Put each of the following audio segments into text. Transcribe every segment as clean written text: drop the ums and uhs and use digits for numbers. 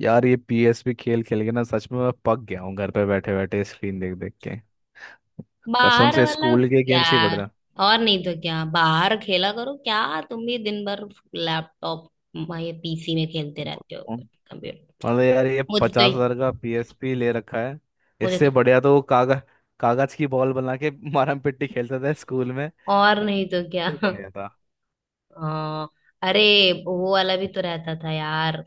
यार ये पीएसपी खेल खेल के ना, सच में मैं पक गया हूँ घर पे बैठे बैठे स्क्रीन देख देख के। कसम बाहर से वाला स्कूल के गेम से ही यार। बढ़िया। और नहीं तो क्या, बाहर खेला करो क्या तुम भी दिन भर? लैपटॉप, ये पीसी में खेलते रहते हो, कंप्यूटर। मतलब यार, ये मुझे 50,000 तो का पीएसपी ले रखा है, मुझे इससे तो, बढ़िया तो वो कागज, कागज की बॉल बना के मारम पिट्टी खेलते थे स्कूल में। और वो नहीं तो क्या। तो बढ़िया था। आ, अरे वो वाला भी तो रहता था यार,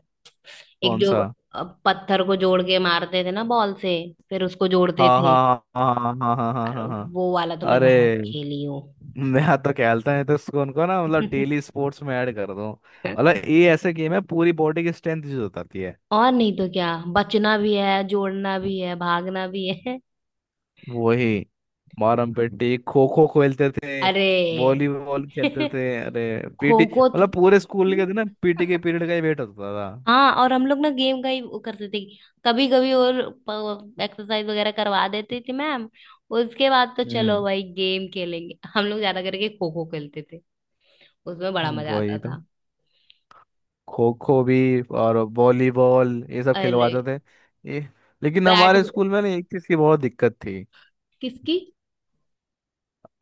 एक कौन जो सा? पत्थर को जोड़ के मारते थे ना बॉल से, फिर उसको जोड़ते हाँ थे। हाँ हाँ हाँ हाँ हाँ हाँ अरे हाँ हाँ। हाँ। वो वाला तो मैं अरे बहुत खेली हूँ। मैं तो खेलता है तो उसको उनको ना, मतलब डेली स्पोर्ट्स में ऐड कर दो। मतलब ये ऐसे गेम है, पूरी बॉडी की स्ट्रेंथ यूज होती है। और नहीं तो क्या। बचना भी है, जोड़ना भी है, भागना भी है। वही, मारम पेटी खो खो खेलते थे, अरे वॉलीबॉल खेलते थे। अरे पीटी, खो खो तो। मतलब पूरे स्कूल के दिन ना पीटी के पीरियड का ही वेट होता था। हाँ, और हम लोग ना गेम का ही वो करते थे, कभी कभी। और एक्सरसाइज वगैरह करवा देती थी मैम, उसके बाद तो चलो हम्म। भाई गेम खेलेंगे। हम लोग ज्यादा करके खो खो खेलते थे, उसमें बड़ा मजा आता वही तो। था। खो खो भी और वॉलीबॉल, ये सब अरे खिलवाते थे। ये, लेकिन बैट। हमारे स्कूल में ना एक चीज की बहुत दिक्कत थी। किसकी?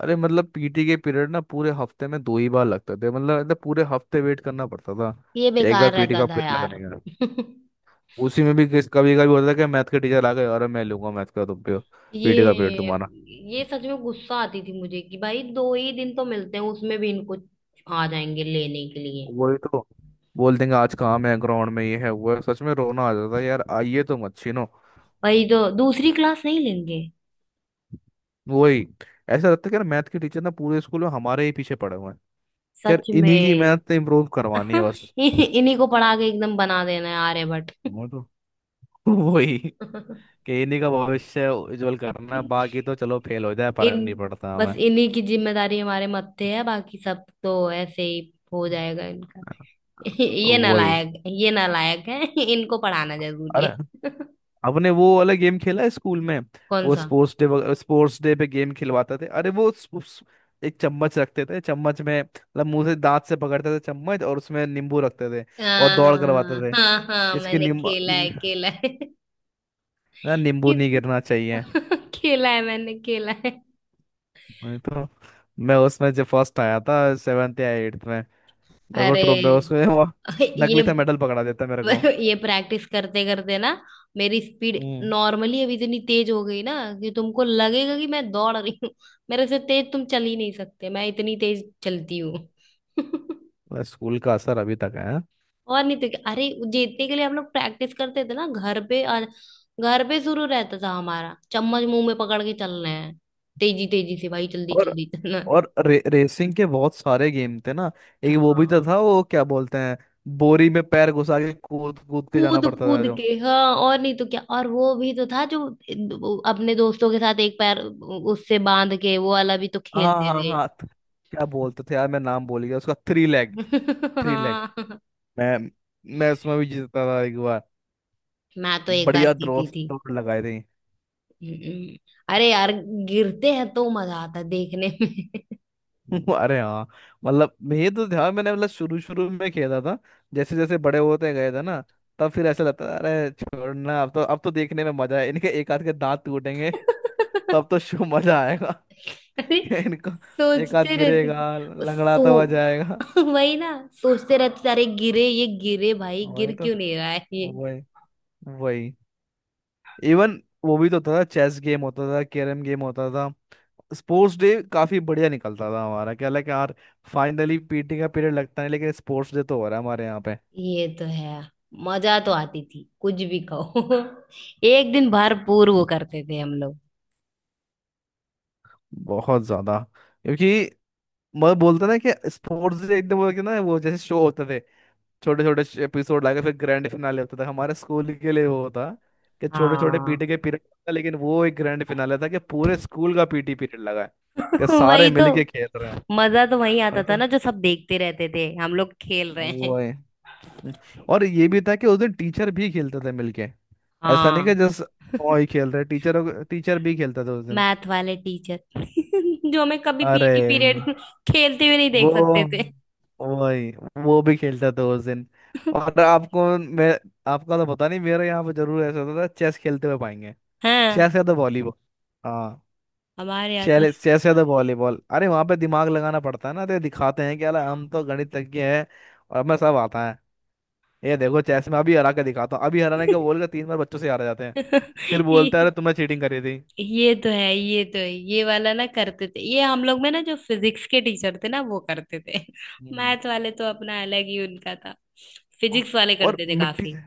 अरे मतलब पीटी के पीरियड ना पूरे हफ्ते में दो ही बार लगते थे, मतलब पूरे हफ्ते वेट करना पड़ता था ये एक बार बेकार पीटी रहता का था पीरियड लगने। यार। उसी में भी किस कभी कभी होता था कि मैथ के टीचर आ गए, अरे मैं लूंगा मैथ का तुम पे, ये पीटी का पीरियड तुम्हारा। ये सच में गुस्सा आती थी मुझे कि भाई दो ही दिन तो मिलते हैं, उसमें भी इनको आ जाएंगे लेने के लिए। वही तो। बोल देंगे आज काम है ग्राउंड में, ये है वो है। सच में रोना आ जाता है यार। आइए तुम अच्छी नो। भाई तो दूसरी क्लास नहीं लेंगे? वही। ऐसा लगता है कि यार मैथ के टीचर ना पूरे स्कूल में हमारे ही पीछे पड़े हुए हैं कि यार सच में। इन्हीं की मैथ इम्प्रूव करवानी है बस। इन्हीं को पढ़ा के एकदम बना देना है आर्यभट्ट। वो तो। वही, कि इन्हीं का भविष्य उज्जवल करना है, बाकी तो चलो फेल हो जाए, फर्क इन, नहीं पड़ता बस हमें। इन्हीं की जिम्मेदारी हमारे मत्थे है, बाकी सब तो ऐसे ही हो जाएगा इनका। ये वही। नालायक, ये नालायक है, इनको पढ़ाना जरूरी अरे है। आपने वो वाला गेम खेला है स्कूल में? कौन वो सा? स्पोर्ट्स डे, स्पोर्ट्स डे पे गेम खिलवाते थे। अरे वो एक चम्मच रखते थे, चम्मच में मतलब मुंह से दांत से पकड़ते थे चम्मच और उसमें नींबू रखते थे, और दौड़ करवाते थे। हाँ हाँ, इसके मैंने नींबू, खेला है, खेला है। ना नींबू नहीं किस- गिरना चाहिए, खेला है, मैंने खेला है। नहीं तो। मैं उसमें जब फर्स्ट आया था सेवेंथ या एट्थ में, मेरे को ट्रॉफी अरे उसमें वो ये नकली सा मेडल पकड़ा देता मेरे को। ये प्रैक्टिस करते करते ना मेरी स्पीड हम्म। नॉर्मली अब इतनी तेज हो गई ना कि तुमको लगेगा कि मैं दौड़ रही हूँ। मेरे से तेज तुम चल ही नहीं सकते, मैं इतनी तेज चलती हूँ। स्कूल का असर अभी तक है। और नहीं तो क्या। अरे जीतने के लिए हम लोग प्रैक्टिस करते थे ना घर पे, और घर पे शुरू रहता था हमारा, चम्मच मुंह में पकड़ के चलना है, तेजी तेजी से भाई जल्दी और जल्दी चलना है। रेसिंग के बहुत सारे गेम थे ना। एक वो भी तो हाँ, था, वो क्या बोलते हैं, बोरी में पैर घुसा के कूद कूद के जाना कूद पड़ता था कूद जो। के। हाँ, और नहीं तो क्या। और वो भी तो था जो, वो अपने दोस्तों के साथ एक पैर उससे बांध के, वो वाला भी तो हाँ खेलते हाँ थे। हाँ। क्या बोलते थे यार, मैं नाम भूल गया उसका, थ्री लेग, थ्री लेग। हाँ, मैं मैं उसमें भी जीतता था एक बार, मैं तो एक बार बढ़िया जीती दोस्त थी। दौड़ लगाए थे। हम्म। अरे यार, गिरते हैं तो मजा आता है देखने में। अरे हाँ। मतलब ये तो ध्यान मैंने मतलब शुरू शुरू में खेला था, जैसे जैसे बड़े होते गए थे ना तब फिर ऐसा लगता था, अरे छोड़ना, अब तो देखने में मजा है, इनके एक आध के दांत टूटेंगे तब तो शो मजा आएगा। अरे इनको एक हाथ सोचते रहते गिरेगा, थे, लंगड़ाता हुआ जाएगा। वही ना, सोचते रहते थे, अरे गिरे, ये गिरे, भाई गिर वही तो। क्यों नहीं रहा है ये। वही। वही। इवन वो भी तो था, चेस गेम होता था, कैरम गेम होता था। स्पोर्ट्स डे काफी बढ़िया निकलता था हमारा, क्या लगा कि यार फाइनली पीटी का पीरियड लगता है, लेकिन स्पोर्ट्स डे तो हो रहा है हमारे यहाँ पे। ये तो है। मजा तो आती थी कुछ भी कहो। एक दिन भरपूर वो करते थे हम लोग। बहुत ज्यादा। क्योंकि मैं बोलता ना कि स्पोर्ट्स डे एकदम वो कि ना, वो जैसे शो होते थे छोटे छोटे एपिसोड लाके फिर ग्रैंड फिनाले होता था, हमारे स्कूल के लिए वो होता कि छोटे छोटे हाँ। पीटी के पीरियड था, लेकिन वो एक ग्रैंड फिनाले था कि पूरे स्कूल का पीटी पीरियड लगा है, कि सारे वही तो। मिलके खेल रहे हैं। मजा तो वही आता वही था तो। ना, जो सब देखते रहते थे हम लोग खेल रहे हैं। वो है। और ये भी था कि उस दिन टीचर भी खेलते थे मिलके, ऐसा नहीं हाँ। कि जस्ट ओ ही खेल रहे, टीचर टीचर भी खेलता था उस दिन। मैथ वाले टीचर जो हमें कभी अरे पीटी पीरियड खेलते हुए नहीं वो। देख सकते थे। वही। वो भी खेलता था उस दिन। और आपको मैं, आपका तो पता नहीं, मेरे यहाँ पे जरूर ऐसा होता था, चेस खेलते हुए पाएंगे, हाँ, चेस या द वॉलीबॉल। हाँ। हमारे यहाँ तो। चेले चेस या द वॉलीबॉल, अरे वहां पे दिमाग लगाना पड़ता है ना, तो दिखाते हैं कि अरे हम तो गणितज्ञ हैं और हमें सब आता है, ये देखो चेस में अभी हरा के दिखाता हूँ, अभी हराने का बोल के तीन बार बच्चों से हार जाते हैं, फिर बोलता है ये- अरे तुमने चीटिंग करी थी। ये तो है, ये तो है। ये वाला ना करते थे ये, हम लोग में ना जो फिजिक्स के टीचर थे ना वो करते थे। हम्म। मैथ वाले तो अपना अलग ही उनका था, औ- फिजिक्स वाले और करते थे मिट्टी काफी। से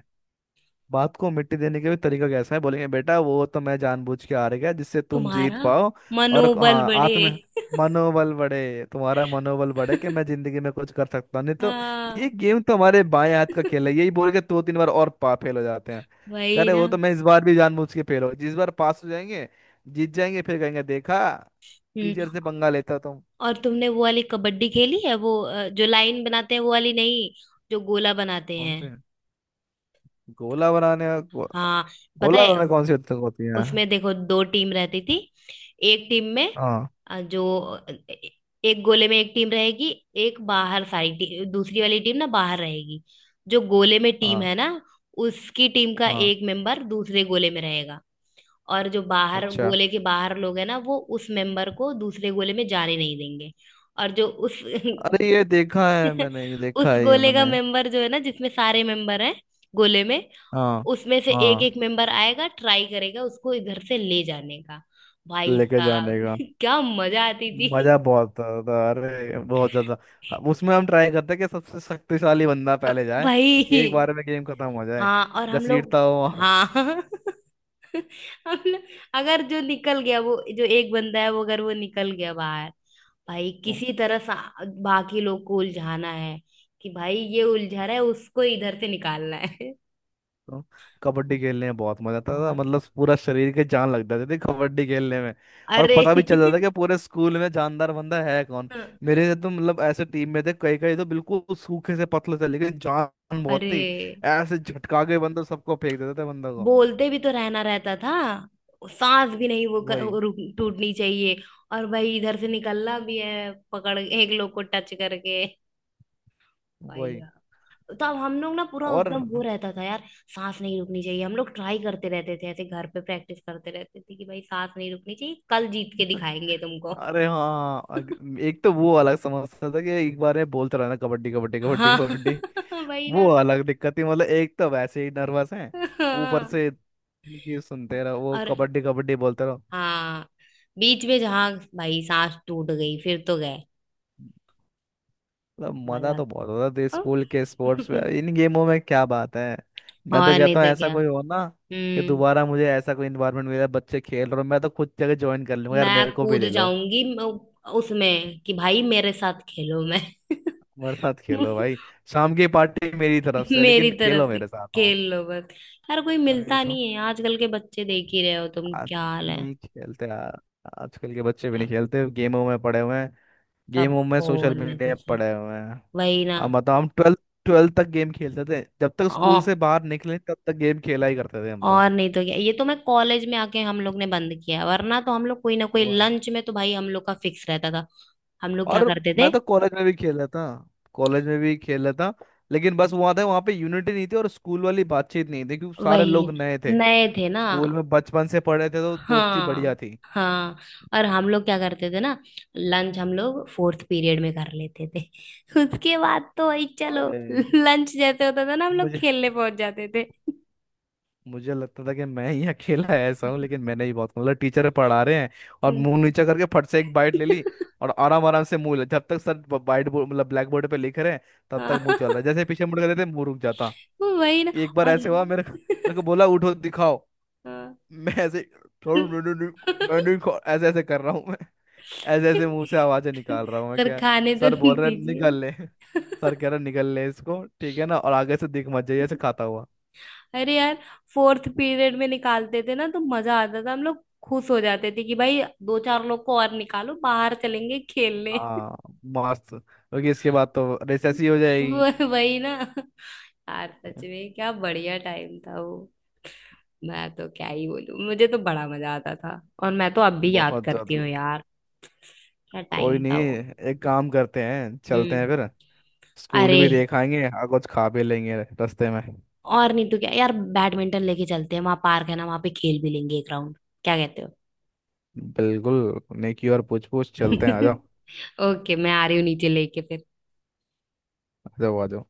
बात को मिट्टी देने के भी तरीका कैसा है, बोलेंगे बेटा वो तो मैं जानबूझ के हार गया जिससे तुम जीत तुम्हारा पाओ। और मनोबल हाँ, बढ़े। आत्म मनोबल बढ़े, तुम्हारा मनोबल बढ़े कि मैं जिंदगी में कुछ कर सकता हूँ, नहीं तो ये हाँ, गेम तो हमारे बाएं हाथ का खेल है, यही बोल के दो तीन बार और पा फेल हो जाते हैं। कह वही रहे ना। वो तो मैं इस बार भी जानबूझ के फेल हो, जिस बार पास हो जाएंगे जीत जाएंगे फिर कहेंगे देखा, हम्म। टीचर से पंगा लेता तुम। और तुमने वो वाली कबड्डी खेली है, वो जो लाइन बनाते हैं वो वाली नहीं, जो गोला बनाते कौन हैं। से? गोला बनाने, हाँ, पता गोला है। बनाने कौन सी हद तक होती है? उसमें देखो दो टीम रहती थी, एक टीम में, हाँ जो एक गोले में एक टीम रहेगी, एक बाहर, दूसरी वाली टीम ना बाहर रहेगी। जो गोले में टीम हाँ है ना, उसकी टीम का हाँ। एक मेंबर दूसरे गोले में रहेगा। और जो बाहर, अच्छा, गोले के बाहर लोग हैं ना, वो उस मेंबर को दूसरे गोले में जाने नहीं देंगे। और जो उस अरे ये देखा है मैंने, ये देखा उस है ये गोले का मैंने। मेंबर जो है ना, जिसमें सारे मेंबर हैं गोले में, हाँ उसमें से एक हाँ। एक मेंबर आएगा, ट्राई करेगा उसको इधर से ले जाने का। भाई लेके जाने साहब का क्या मजा आती थी। मजा बहुत आता, अरे बहुत ज्यादा। अब उसमें हम ट्राई करते हैं कि सबसे शक्तिशाली बंदा पहले जाए, कि एक भाई। बार में गेम खत्म हो जाए, हाँ, और हम लोग, घसीटता हो। हाँ हम लोग, अगर जो निकल गया वो, जो एक बंदा है, वो अगर वो निकल गया बाहर, भाई किसी तरह सा बाकी लोग को उलझाना है, कि भाई ये उलझा रहा है, उसको इधर से निकालना है। तो कबड्डी खेलने में बहुत मजा आता था, बहुत। मतलब पूरा शरीर के जान लग जाती थी कबड्डी खेलने में, और अरे पता भी चल जाता था कि पूरे स्कूल में जानदार बंदा है कौन। मेरे तो मतलब ऐसे टीम में थे, कई कई तो बिल्कुल सूखे से पतले थे लेकिन जान बहुत अरे थी, ऐसे झटका के बंदा सबको फेंक देता था बंदा को। बोलते भी तो रहना रहता था, सांस भी नहीं, वो क- वही। रुक टूटनी चाहिए। और भाई इधर से निकलना भी है, पकड़ एक लोग को टच करके। भाई वही। साहब, तो अब हम लोग ना पूरा और एकदम वो रहता था यार। सांस नहीं रुकनी चाहिए, हम लोग ट्राई करते रहते थे, ऐसे घर पे प्रैक्टिस करते रहते थे कि भाई सांस नहीं रुकनी चाहिए, कल जीत के दिखाएंगे तुमको। अरे हाँ। एक तो वो अलग समस्या था कि एक बार में बोलते रहना कबड्डी कबड्डी कबड्डी हाँ। कबड्डी, भाई ना। वो अलग दिक्कत थी। मतलब एक तो वैसे ही नर्वस है, ऊपर हाँ। से इनकी सुनते रहो, वो और कबड्डी कबड्डी बोलते रहो। हाँ, बीच में जहाँ भाई सांस टूट गई, फिर तो गए। मतलब मजा मजा। तो बहुत होता था हाँ। स्कूल के स्पोर्ट्स में, इन गेमों में क्या बात है। मैं तो और नहीं कहता हूँ तो ऐसा क्या। कोई हो ना, कि हम्म। दोबारा मुझे ऐसा कोई इन्वायरमेंट मिले बच्चे खेल रहे हो, मैं तो खुद जगह ज्वाइन कर लूंगा, यार मेरे मैं को भी कूद ले लो। जाऊंगी, उसमें कि भाई मेरे साथ खेलो मैं। मेरे साथ खेलो भाई, शाम की पार्टी मेरी तरफ से, मेरी लेकिन खेलो तरफ से, मेरे साथ। हाँ। खेल लो बस। यार कोई वही। मिलता नहीं है, आजकल के बच्चे देख ही रहे हो तुम आज क्या हाल है। नहीं खेलते यार। आजकल के बच्चे भी नहीं सब। खेलते, गेमों में पड़े हुए हैं, सब गेमों में सोशल फोन में मीडिया पे घुसे। पड़े हुए हैं। वही ना। अब बताओ, हम ट्वेल्थ ट्वेल्थ तक गेम खेलते थे, जब तक ओ, स्कूल से बाहर निकले तब तक गेम खेला ही करते थे हम तो। और नहीं तो क्या, ये तो मैं कॉलेज में आके हम लोग ने बंद किया, वरना तो हम लोग कोई ना कोई वो है। लंच में तो भाई हम लोग का फिक्स रहता था। हम लोग क्या और करते मैं थे? तो कॉलेज में भी खेला था, कॉलेज में भी खेला था, लेकिन बस वो आता है वहाँ पे यूनिटी नहीं थी और स्कूल वाली बातचीत नहीं थी क्योंकि सारे वही, लोग नए थे। नए थे ना। स्कूल में बचपन से पढ़े थे तो दोस्ती बढ़िया हाँ। थी। हाँ, और हम लोग क्या करते थे ना, लंच हम लोग फोर्थ पीरियड में कर लेते थे। उसके बाद तो वही चलो, और लंच जैसे होता था ना हम लोग मुझे खेलने पहुंच जाते थे। मुझे लगता था कि मैं ही अकेला ऐसा हूँ, लेकिन मैंने ही बहुत मतलब टीचर पढ़ा रहे हैं और हम्म। मुंह नीचा करके फट से एक बाइट ले ली, और आराम आराम से मुंह, जब तक सर बाइट बोर्ड मतलब ब्लैक बोर्ड पे लिख रहे हैं तब तक हाँ, मुंह चल रहा है, जैसे पीछे मुड़ कर देते मुंह रुक जाता। वही ना। एक बार ऐसे हुआ, अरे मेरे को बोला उठो दिखाओ। हाँ। मैं ऐसे, थोड़ा मैंने नहीं नहीं- मैं नहीं खा-" ऐसे ऐसे कर रहा हूँ मैं, ऐसे ऐसे मुंह से आवाजें निकाल रहा हूँ मैं सर क्या। खाने तो सर बोल रहे दीजिए। निकल ले, सर कह रहे निकल ले इसको, ठीक है ना, और आगे से दिख मत जाइए ऐसे खाता हुआ। अरे यार, फोर्थ पीरियड में निकालते थे ना तो मजा आता था, हम लोग खुश हो जाते थे कि भाई दो चार लोग को और निकालो, बाहर चलेंगे खेलने। हाँ मस्त, क्योंकि इसके बाद तो रिसेस ही हो जाएगी। वो- वही ना। यार सच में क्या बढ़िया टाइम था वो। मैं तो क्या ही बोलूं, मुझे तो बड़ा मजा आता था और मैं तो अब भी याद बहुत करती ज्यादा। हूँ यार, क्या कोई टाइम नहीं, था वो। एक काम करते हैं चलते हम्म। हैं फिर, स्कूल अरे, भी देख आएंगे और कुछ खा भी लेंगे रास्ते में। और नहीं तो क्या यार, बैडमिंटन लेके चलते हैं, वहां पार्क है ना, वहां पे खेल भी लेंगे एक राउंड, क्या कहते हो। बिल्कुल, नेकी और पूछ पूछ, चलते हैं आ जाओ। ओके, मैं आ रही हूँ नीचे, लेके फिर। आ जाओ आ जाओ।